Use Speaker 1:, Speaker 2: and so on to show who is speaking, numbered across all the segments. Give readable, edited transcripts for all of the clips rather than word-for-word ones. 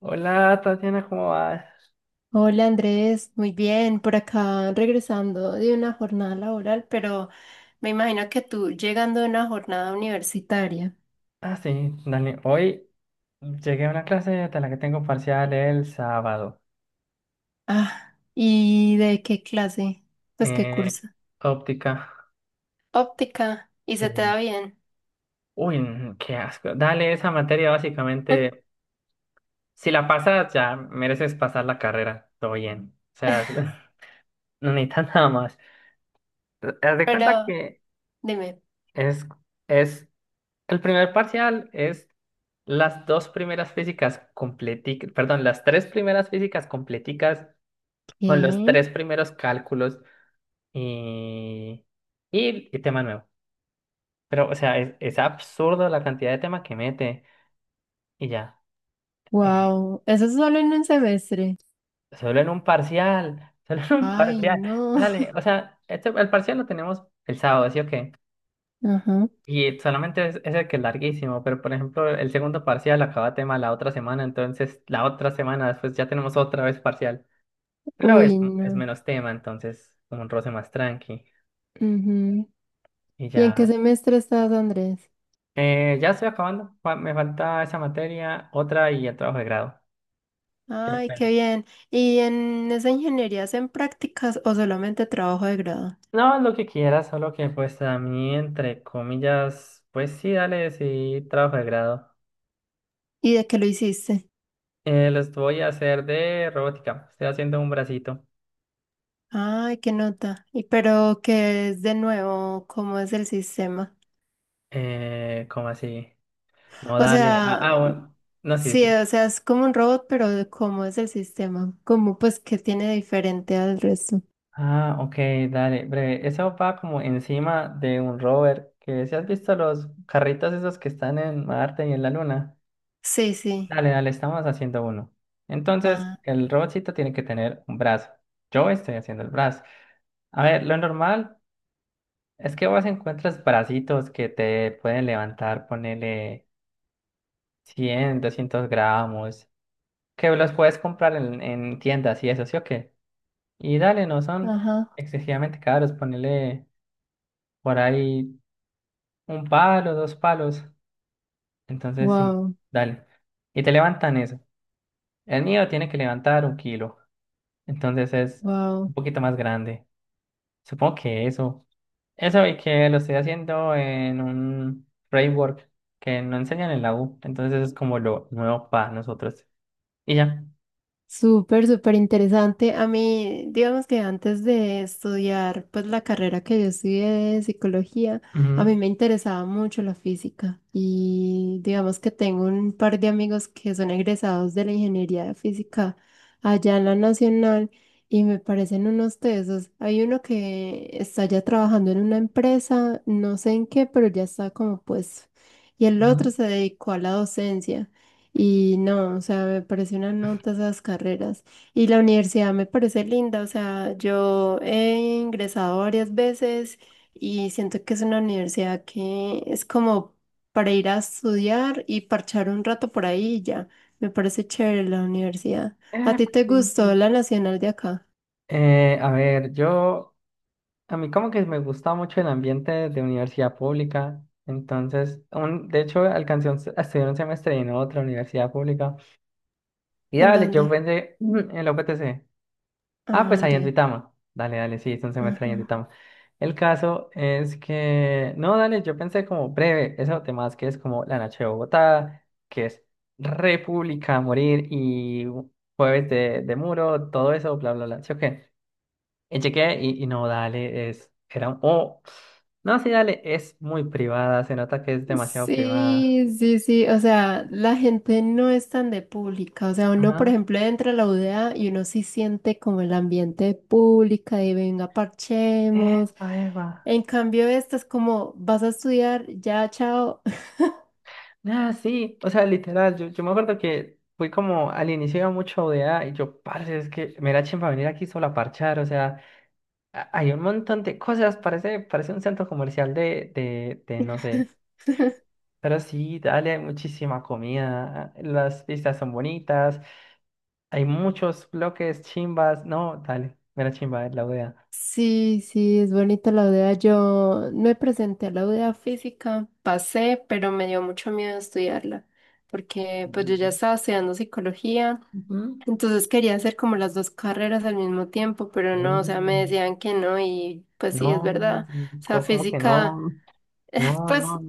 Speaker 1: Hola Tatiana, ¿cómo vas?
Speaker 2: Hola Andrés, muy bien, por acá regresando de una jornada laboral, pero me imagino que tú llegando de una jornada universitaria.
Speaker 1: Ah, sí, dale. Hoy llegué a una clase de la que tengo parcial el sábado.
Speaker 2: Ah, ¿y de qué clase? Pues qué
Speaker 1: Eh,
Speaker 2: curso.
Speaker 1: óptica.
Speaker 2: Óptica, ¿y se te
Speaker 1: Sí.
Speaker 2: da bien?
Speaker 1: Uy, qué asco. Dale, esa materia básicamente, si la pasas ya mereces pasar la carrera. Todo bien. O sea, no necesitas nada más. Haz de cuenta
Speaker 2: Pero
Speaker 1: que
Speaker 2: dime.
Speaker 1: es, es el primer parcial es las dos primeras físicas completicas, perdón, las tres primeras físicas completicas con los
Speaker 2: ¿Qué?
Speaker 1: tres primeros cálculos y, y tema nuevo. Pero, o sea, es absurdo la cantidad de tema que mete y ya. eh,
Speaker 2: Wow, eso es solo en un semestre.
Speaker 1: Solo en un parcial, solo en un
Speaker 2: Ay,
Speaker 1: parcial.
Speaker 2: no.
Speaker 1: Dale, o sea, el parcial lo tenemos el sábado, ¿sí o qué?
Speaker 2: Ajá.
Speaker 1: Y solamente es el que es larguísimo, pero por ejemplo, el segundo parcial acaba tema la otra semana, entonces la otra semana después ya tenemos otra vez parcial. Pero
Speaker 2: Uy,
Speaker 1: es
Speaker 2: no.
Speaker 1: menos tema, entonces como un roce más tranqui
Speaker 2: Ujú.
Speaker 1: y
Speaker 2: ¿Y en qué
Speaker 1: ya.
Speaker 2: semestre estás, Andrés?
Speaker 1: Ya estoy acabando. Me falta esa materia, otra y el trabajo de grado. Qué
Speaker 2: Ay, qué
Speaker 1: pena.
Speaker 2: bien. ¿Y en esa ingeniería hacen prácticas o solamente trabajo de grado?
Speaker 1: No, lo que quieras, solo que pues a mí, entre comillas, pues sí, dale, sí, trabajo de grado.
Speaker 2: ¿Y de qué lo hiciste?
Speaker 1: Los voy a hacer de robótica. Estoy haciendo un bracito.
Speaker 2: Ay, qué nota. ¿Y pero qué es de nuevo? ¿Cómo es el sistema?
Speaker 1: ¿Cómo así? No,
Speaker 2: O
Speaker 1: dale. Ah,
Speaker 2: sea,
Speaker 1: ah, bueno. No, sí,
Speaker 2: sí,
Speaker 1: sí.
Speaker 2: o sea, es como un robot, pero de ¿cómo es el sistema? ¿Cómo, pues qué tiene de diferente al resto?
Speaker 1: Ah, ok, dale. Breve. Eso va como encima de un rover, que si has visto los carritos esos que están en Marte y en la Luna.
Speaker 2: Sí, sí.
Speaker 1: Dale, dale, estamos haciendo uno. Entonces,
Speaker 2: Ah,
Speaker 1: el robotcito tiene que tener un brazo. Yo estoy haciendo el brazo. A ver, lo normal es que vos encuentres bracitos que te pueden levantar, ponele 100, 200 gramos, que los puedes comprar en tiendas y eso, ¿sí o qué? Y dale, no son
Speaker 2: ajá.
Speaker 1: excesivamente caros, ponele por ahí un palo, dos palos. Entonces, sí,
Speaker 2: Wow,
Speaker 1: dale. Y te levantan eso. El mío tiene que levantar un kilo. Entonces es
Speaker 2: wow.
Speaker 1: un poquito más grande. Supongo que eso. Eso y que lo estoy haciendo en un framework que no enseñan en la U. Entonces es como lo nuevo para nosotros. Y ya.
Speaker 2: Súper, súper interesante. A mí, digamos que antes de estudiar pues la carrera que yo estudié de psicología, a mí
Speaker 1: Ujú,
Speaker 2: me interesaba mucho la física y digamos que tengo un par de amigos que son egresados de la ingeniería de física allá en la Nacional y me parecen unos tesos. Hay uno que está ya trabajando en una empresa, no sé en qué, pero ya está como pues, y el otro
Speaker 1: ujú.
Speaker 2: se dedicó a la docencia. Y no, o sea, me parece una nota esas carreras. Y la universidad me parece linda, o sea, yo he ingresado varias veces y siento que es una universidad que es como para ir a estudiar y parchar un rato por ahí y ya. Me parece chévere la universidad. ¿A
Speaker 1: Ah,
Speaker 2: ti
Speaker 1: pues,
Speaker 2: te
Speaker 1: sí.
Speaker 2: gustó
Speaker 1: Sí.
Speaker 2: la nacional de acá?
Speaker 1: A ver, a mí como que me gusta mucho el ambiente de universidad pública, entonces, de hecho, a estudiar un semestre en otra universidad pública, y
Speaker 2: ¿En
Speaker 1: dale, yo
Speaker 2: dónde?
Speaker 1: pensé en la UPTC. Ah, pues
Speaker 2: Ah,
Speaker 1: ahí en
Speaker 2: ya.
Speaker 1: Duitama. Dale, dale, sí, es un semestre ahí en
Speaker 2: Ajá.
Speaker 1: Duitama. El caso es que, no, dale, yo pensé como breve, eso temas que es como la noche de Bogotá, que es República a morir y jueves de muro, todo eso, bla, bla, bla. Sí, ok. Y chequé y no, dale, era un, oh, no, sí, dale, es muy privada, se nota que es demasiado privada.
Speaker 2: Sí, sí, sí, o sea, la gente no es tan de pública, o sea, uno, por
Speaker 1: Ajá.
Speaker 2: ejemplo, entra a la UDA y uno sí siente como el ambiente de pública y venga, parchemos.
Speaker 1: Epa, epa.
Speaker 2: En cambio, esta es como, vas a estudiar, ya, chao.
Speaker 1: Ah, sí, o sea, literal, yo me acuerdo que fui como al inicio iba mucho de a y yo, parce, es que me da chimba venir aquí solo a parchar, o sea, hay un montón de cosas, parece, parece un centro comercial no sé, pero sí, dale, hay muchísima comida, las vistas son bonitas, hay muchos bloques, chimbas, no, dale, me da chimba la ODA.
Speaker 2: Sí, sí, es bonita la UDA. Yo me presenté a la UDA física, pasé, pero me dio mucho miedo estudiarla, porque pues yo ya estaba estudiando psicología.
Speaker 1: Ujú.
Speaker 2: Entonces quería hacer como las dos carreras al mismo tiempo, pero no, o sea, me
Speaker 1: No,
Speaker 2: decían que no y pues sí, es
Speaker 1: no,
Speaker 2: verdad. O sea,
Speaker 1: ¿Cómo que
Speaker 2: física,
Speaker 1: no? No,
Speaker 2: pues,
Speaker 1: no,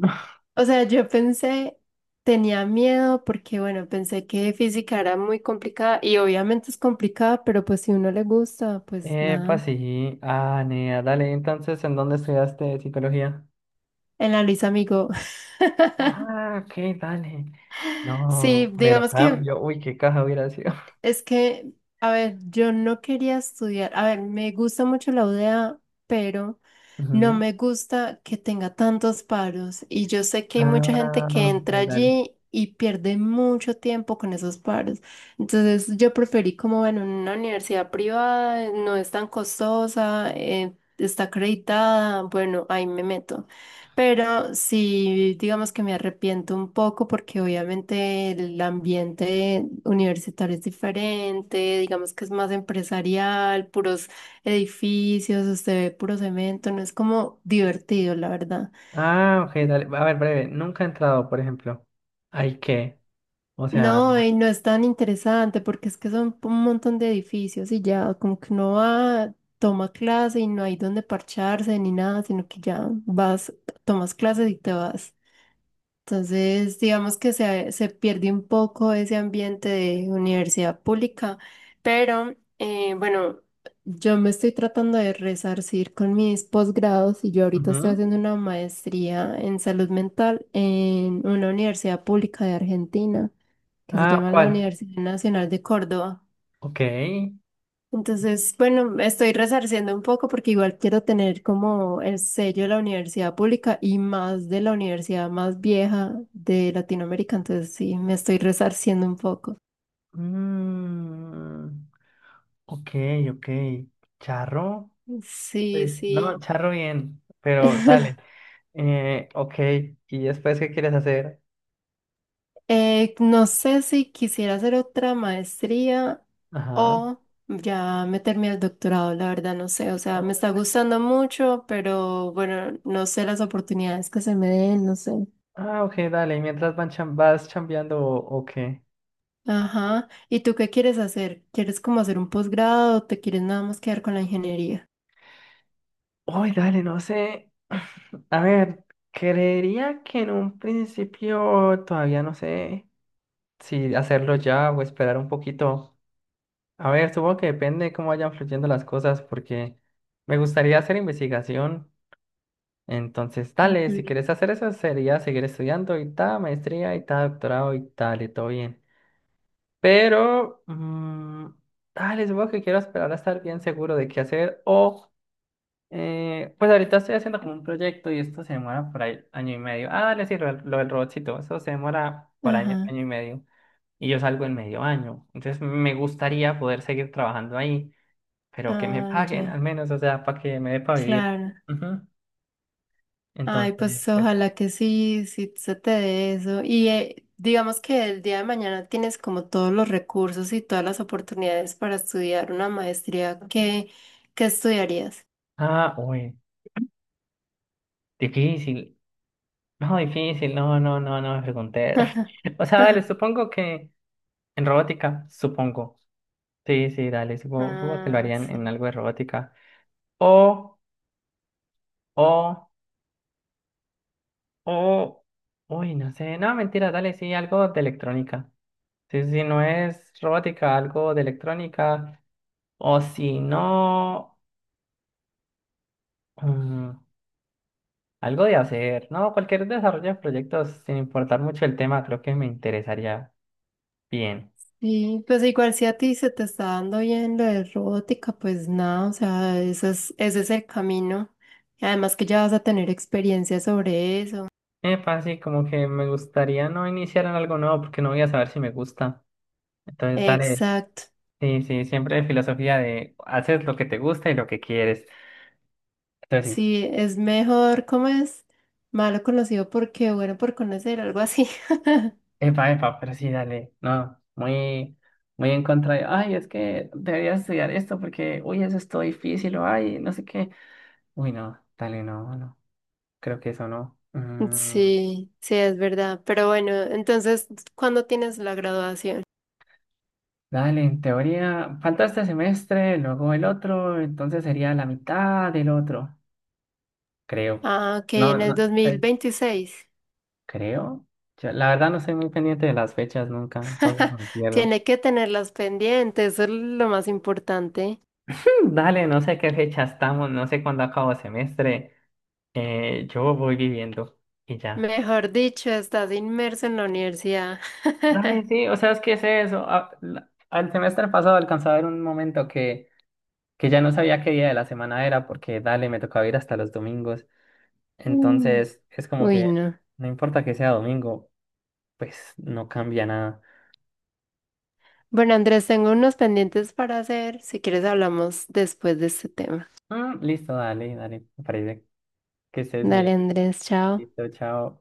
Speaker 2: o sea, yo pensé, tenía miedo porque, bueno, pensé que física era muy complicada y obviamente es complicada, pero pues si uno le gusta, pues
Speaker 1: epa,
Speaker 2: nada.
Speaker 1: sí. Ah, nea, dale. Entonces, ¿en dónde estudiaste psicología?
Speaker 2: En la Luis amigo.
Speaker 1: Ah, ok, dale.
Speaker 2: Sí,
Speaker 1: No, mero
Speaker 2: digamos que
Speaker 1: cambio. Uy, qué caja hubiera sido.
Speaker 2: es que, a ver, yo no quería estudiar. A ver, me gusta mucho la UDA, pero no
Speaker 1: Ujú.
Speaker 2: me gusta que tenga tantos paros. Y yo sé que hay mucha gente
Speaker 1: Ah,
Speaker 2: que
Speaker 1: ok,
Speaker 2: entra
Speaker 1: dale.
Speaker 2: allí y pierde mucho tiempo con esos paros. Entonces, yo preferí como, bueno, una universidad privada, no es tan costosa, está acreditada. Bueno, ahí me meto. Pero sí, digamos que me arrepiento un poco porque obviamente el ambiente universitario es diferente, digamos que es más empresarial, puros edificios, usted ve puro cemento, no es como divertido, la verdad.
Speaker 1: Ah, ok, dale. A ver, breve. Nunca he entrado, por ejemplo. ¿Hay qué? O sea,
Speaker 2: No, y no es tan interesante porque es que son un montón de edificios y ya como que uno va, toma clase y no hay donde parcharse ni nada, sino que ya vas, tomas clases y te vas. Entonces, digamos que se pierde un poco ese ambiente de universidad pública, pero bueno, yo me estoy tratando de resarcir con mis posgrados y yo ahorita estoy
Speaker 1: ujú.
Speaker 2: haciendo una maestría en salud mental en una universidad pública de Argentina que se
Speaker 1: Ah,
Speaker 2: llama la
Speaker 1: ¿cuál?
Speaker 2: Universidad Nacional de Córdoba.
Speaker 1: Ok.
Speaker 2: Entonces, bueno, estoy resarciendo un poco porque igual quiero tener como el sello de la universidad pública y más de la universidad más vieja de Latinoamérica. Entonces, sí, me estoy resarciendo un poco.
Speaker 1: Mm, ok, ok. ¿Charro?
Speaker 2: Sí,
Speaker 1: Pues, no,
Speaker 2: sí.
Speaker 1: charro bien. Pero dale. Ok, ¿y después qué quieres hacer?
Speaker 2: No sé si quisiera hacer otra maestría
Speaker 1: Ajá.
Speaker 2: o ya meterme al doctorado, la verdad no sé, o sea, me está gustando mucho, pero bueno, no sé las oportunidades que se me den, no sé.
Speaker 1: Ah, ok, dale, ¿y mientras vas chambeando o qué?
Speaker 2: Ajá. ¿Y tú qué quieres hacer? ¿Quieres como hacer un posgrado o te quieres nada más quedar con la ingeniería?
Speaker 1: Uy, dale, no sé. A ver, creería que en un principio todavía no sé si hacerlo ya o esperar un poquito. A ver, supongo que depende de cómo vayan fluyendo las cosas porque me gustaría hacer investigación. Entonces, dale, si
Speaker 2: Ujú.
Speaker 1: quieres hacer eso sería seguir estudiando y tal, maestría y tal, doctorado y tal, y todo bien. Pero, dale, supongo que quiero esperar a estar bien seguro de qué hacer. O, pues ahorita estoy haciendo como un proyecto y esto se demora por ahí año y medio. Ah, dale, sí, lo del robotcito, eso se demora por año,
Speaker 2: Ajá.
Speaker 1: año y medio. Y yo salgo en medio año. Entonces me gustaría poder seguir trabajando ahí, pero que me
Speaker 2: Ah,
Speaker 1: paguen al
Speaker 2: ya.
Speaker 1: menos, o sea, para que me dé para vivir.
Speaker 2: Claro.
Speaker 1: Ujú.
Speaker 2: Ay,
Speaker 1: Entonces,
Speaker 2: pues
Speaker 1: pues sí.
Speaker 2: ojalá que sí, sí se te dé eso. Y digamos que el día de mañana tienes como todos los recursos y todas las oportunidades para estudiar una maestría. ¿Qué, qué estudiarías?
Speaker 1: Ah, uy, difícil. No, difícil, no, no, no, no me pregunté. O sea, dale, supongo que. En robótica, supongo. Sí, sí, dale, supongo, supongo que lo
Speaker 2: Ah,
Speaker 1: harían en
Speaker 2: sí.
Speaker 1: algo de robótica. O, o, o, uy, no sé, no, mentira, dale, sí, algo de electrónica. Sí, sí, no es robótica, algo de electrónica. O si no, mm, algo de hacer, ¿no? Cualquier desarrollo de proyectos, sin importar mucho el tema, creo que me interesaría bien.
Speaker 2: Y pues igual si a ti se te está dando bien lo de robótica, pues nada, o sea, ese es el camino. Y además que ya vas a tener experiencia sobre eso.
Speaker 1: Epa, sí, como que me gustaría no iniciar en algo nuevo porque no voy a saber si me gusta. Entonces, dale,
Speaker 2: Exacto.
Speaker 1: sí, sí, siempre filosofía de haces lo que te gusta y lo que quieres. Entonces sí,
Speaker 2: Sí, es mejor, ¿cómo es? Malo conocido porque bueno por conocer, algo así.
Speaker 1: epa, epa, pero sí, dale, no, muy en contra de, ay, es que deberías estudiar esto porque, uy, eso es todo difícil, o ay, no sé qué. Uy, no, dale, no, no, creo que eso no.
Speaker 2: Sí, sí, es verdad. Pero bueno, entonces, ¿cuándo tienes la graduación?
Speaker 1: Dale, en teoría, falta este semestre, luego el otro, entonces sería la mitad del otro, creo.
Speaker 2: Ah, ok,
Speaker 1: No,
Speaker 2: en el
Speaker 1: no,
Speaker 2: dos mil
Speaker 1: pues,
Speaker 2: veintiséis.
Speaker 1: creo. Yo, la verdad no soy muy pendiente de las fechas nunca, entonces me pierdo.
Speaker 2: Tiene que tenerlas pendientes, eso es lo más importante.
Speaker 1: Dale, no sé qué fecha estamos, no sé cuándo acabo semestre. Yo voy viviendo y ya.
Speaker 2: Mejor dicho, estás inmerso en la universidad.
Speaker 1: Dale, sí, o sea, es que es eso. Al semestre pasado alcanzaba a ver un momento que ya no sabía qué día de la semana era porque, dale, me tocaba ir hasta los domingos.
Speaker 2: Mm.
Speaker 1: Entonces, es como
Speaker 2: Uy,
Speaker 1: que
Speaker 2: no.
Speaker 1: no importa que sea domingo, pues no cambia nada.
Speaker 2: Bueno, Andrés, tengo unos pendientes para hacer. Si quieres, hablamos después de este tema.
Speaker 1: Mm, listo, dale, dale, me parece que estés
Speaker 2: Dale,
Speaker 1: bien.
Speaker 2: Andrés, chao.
Speaker 1: Listo, chao.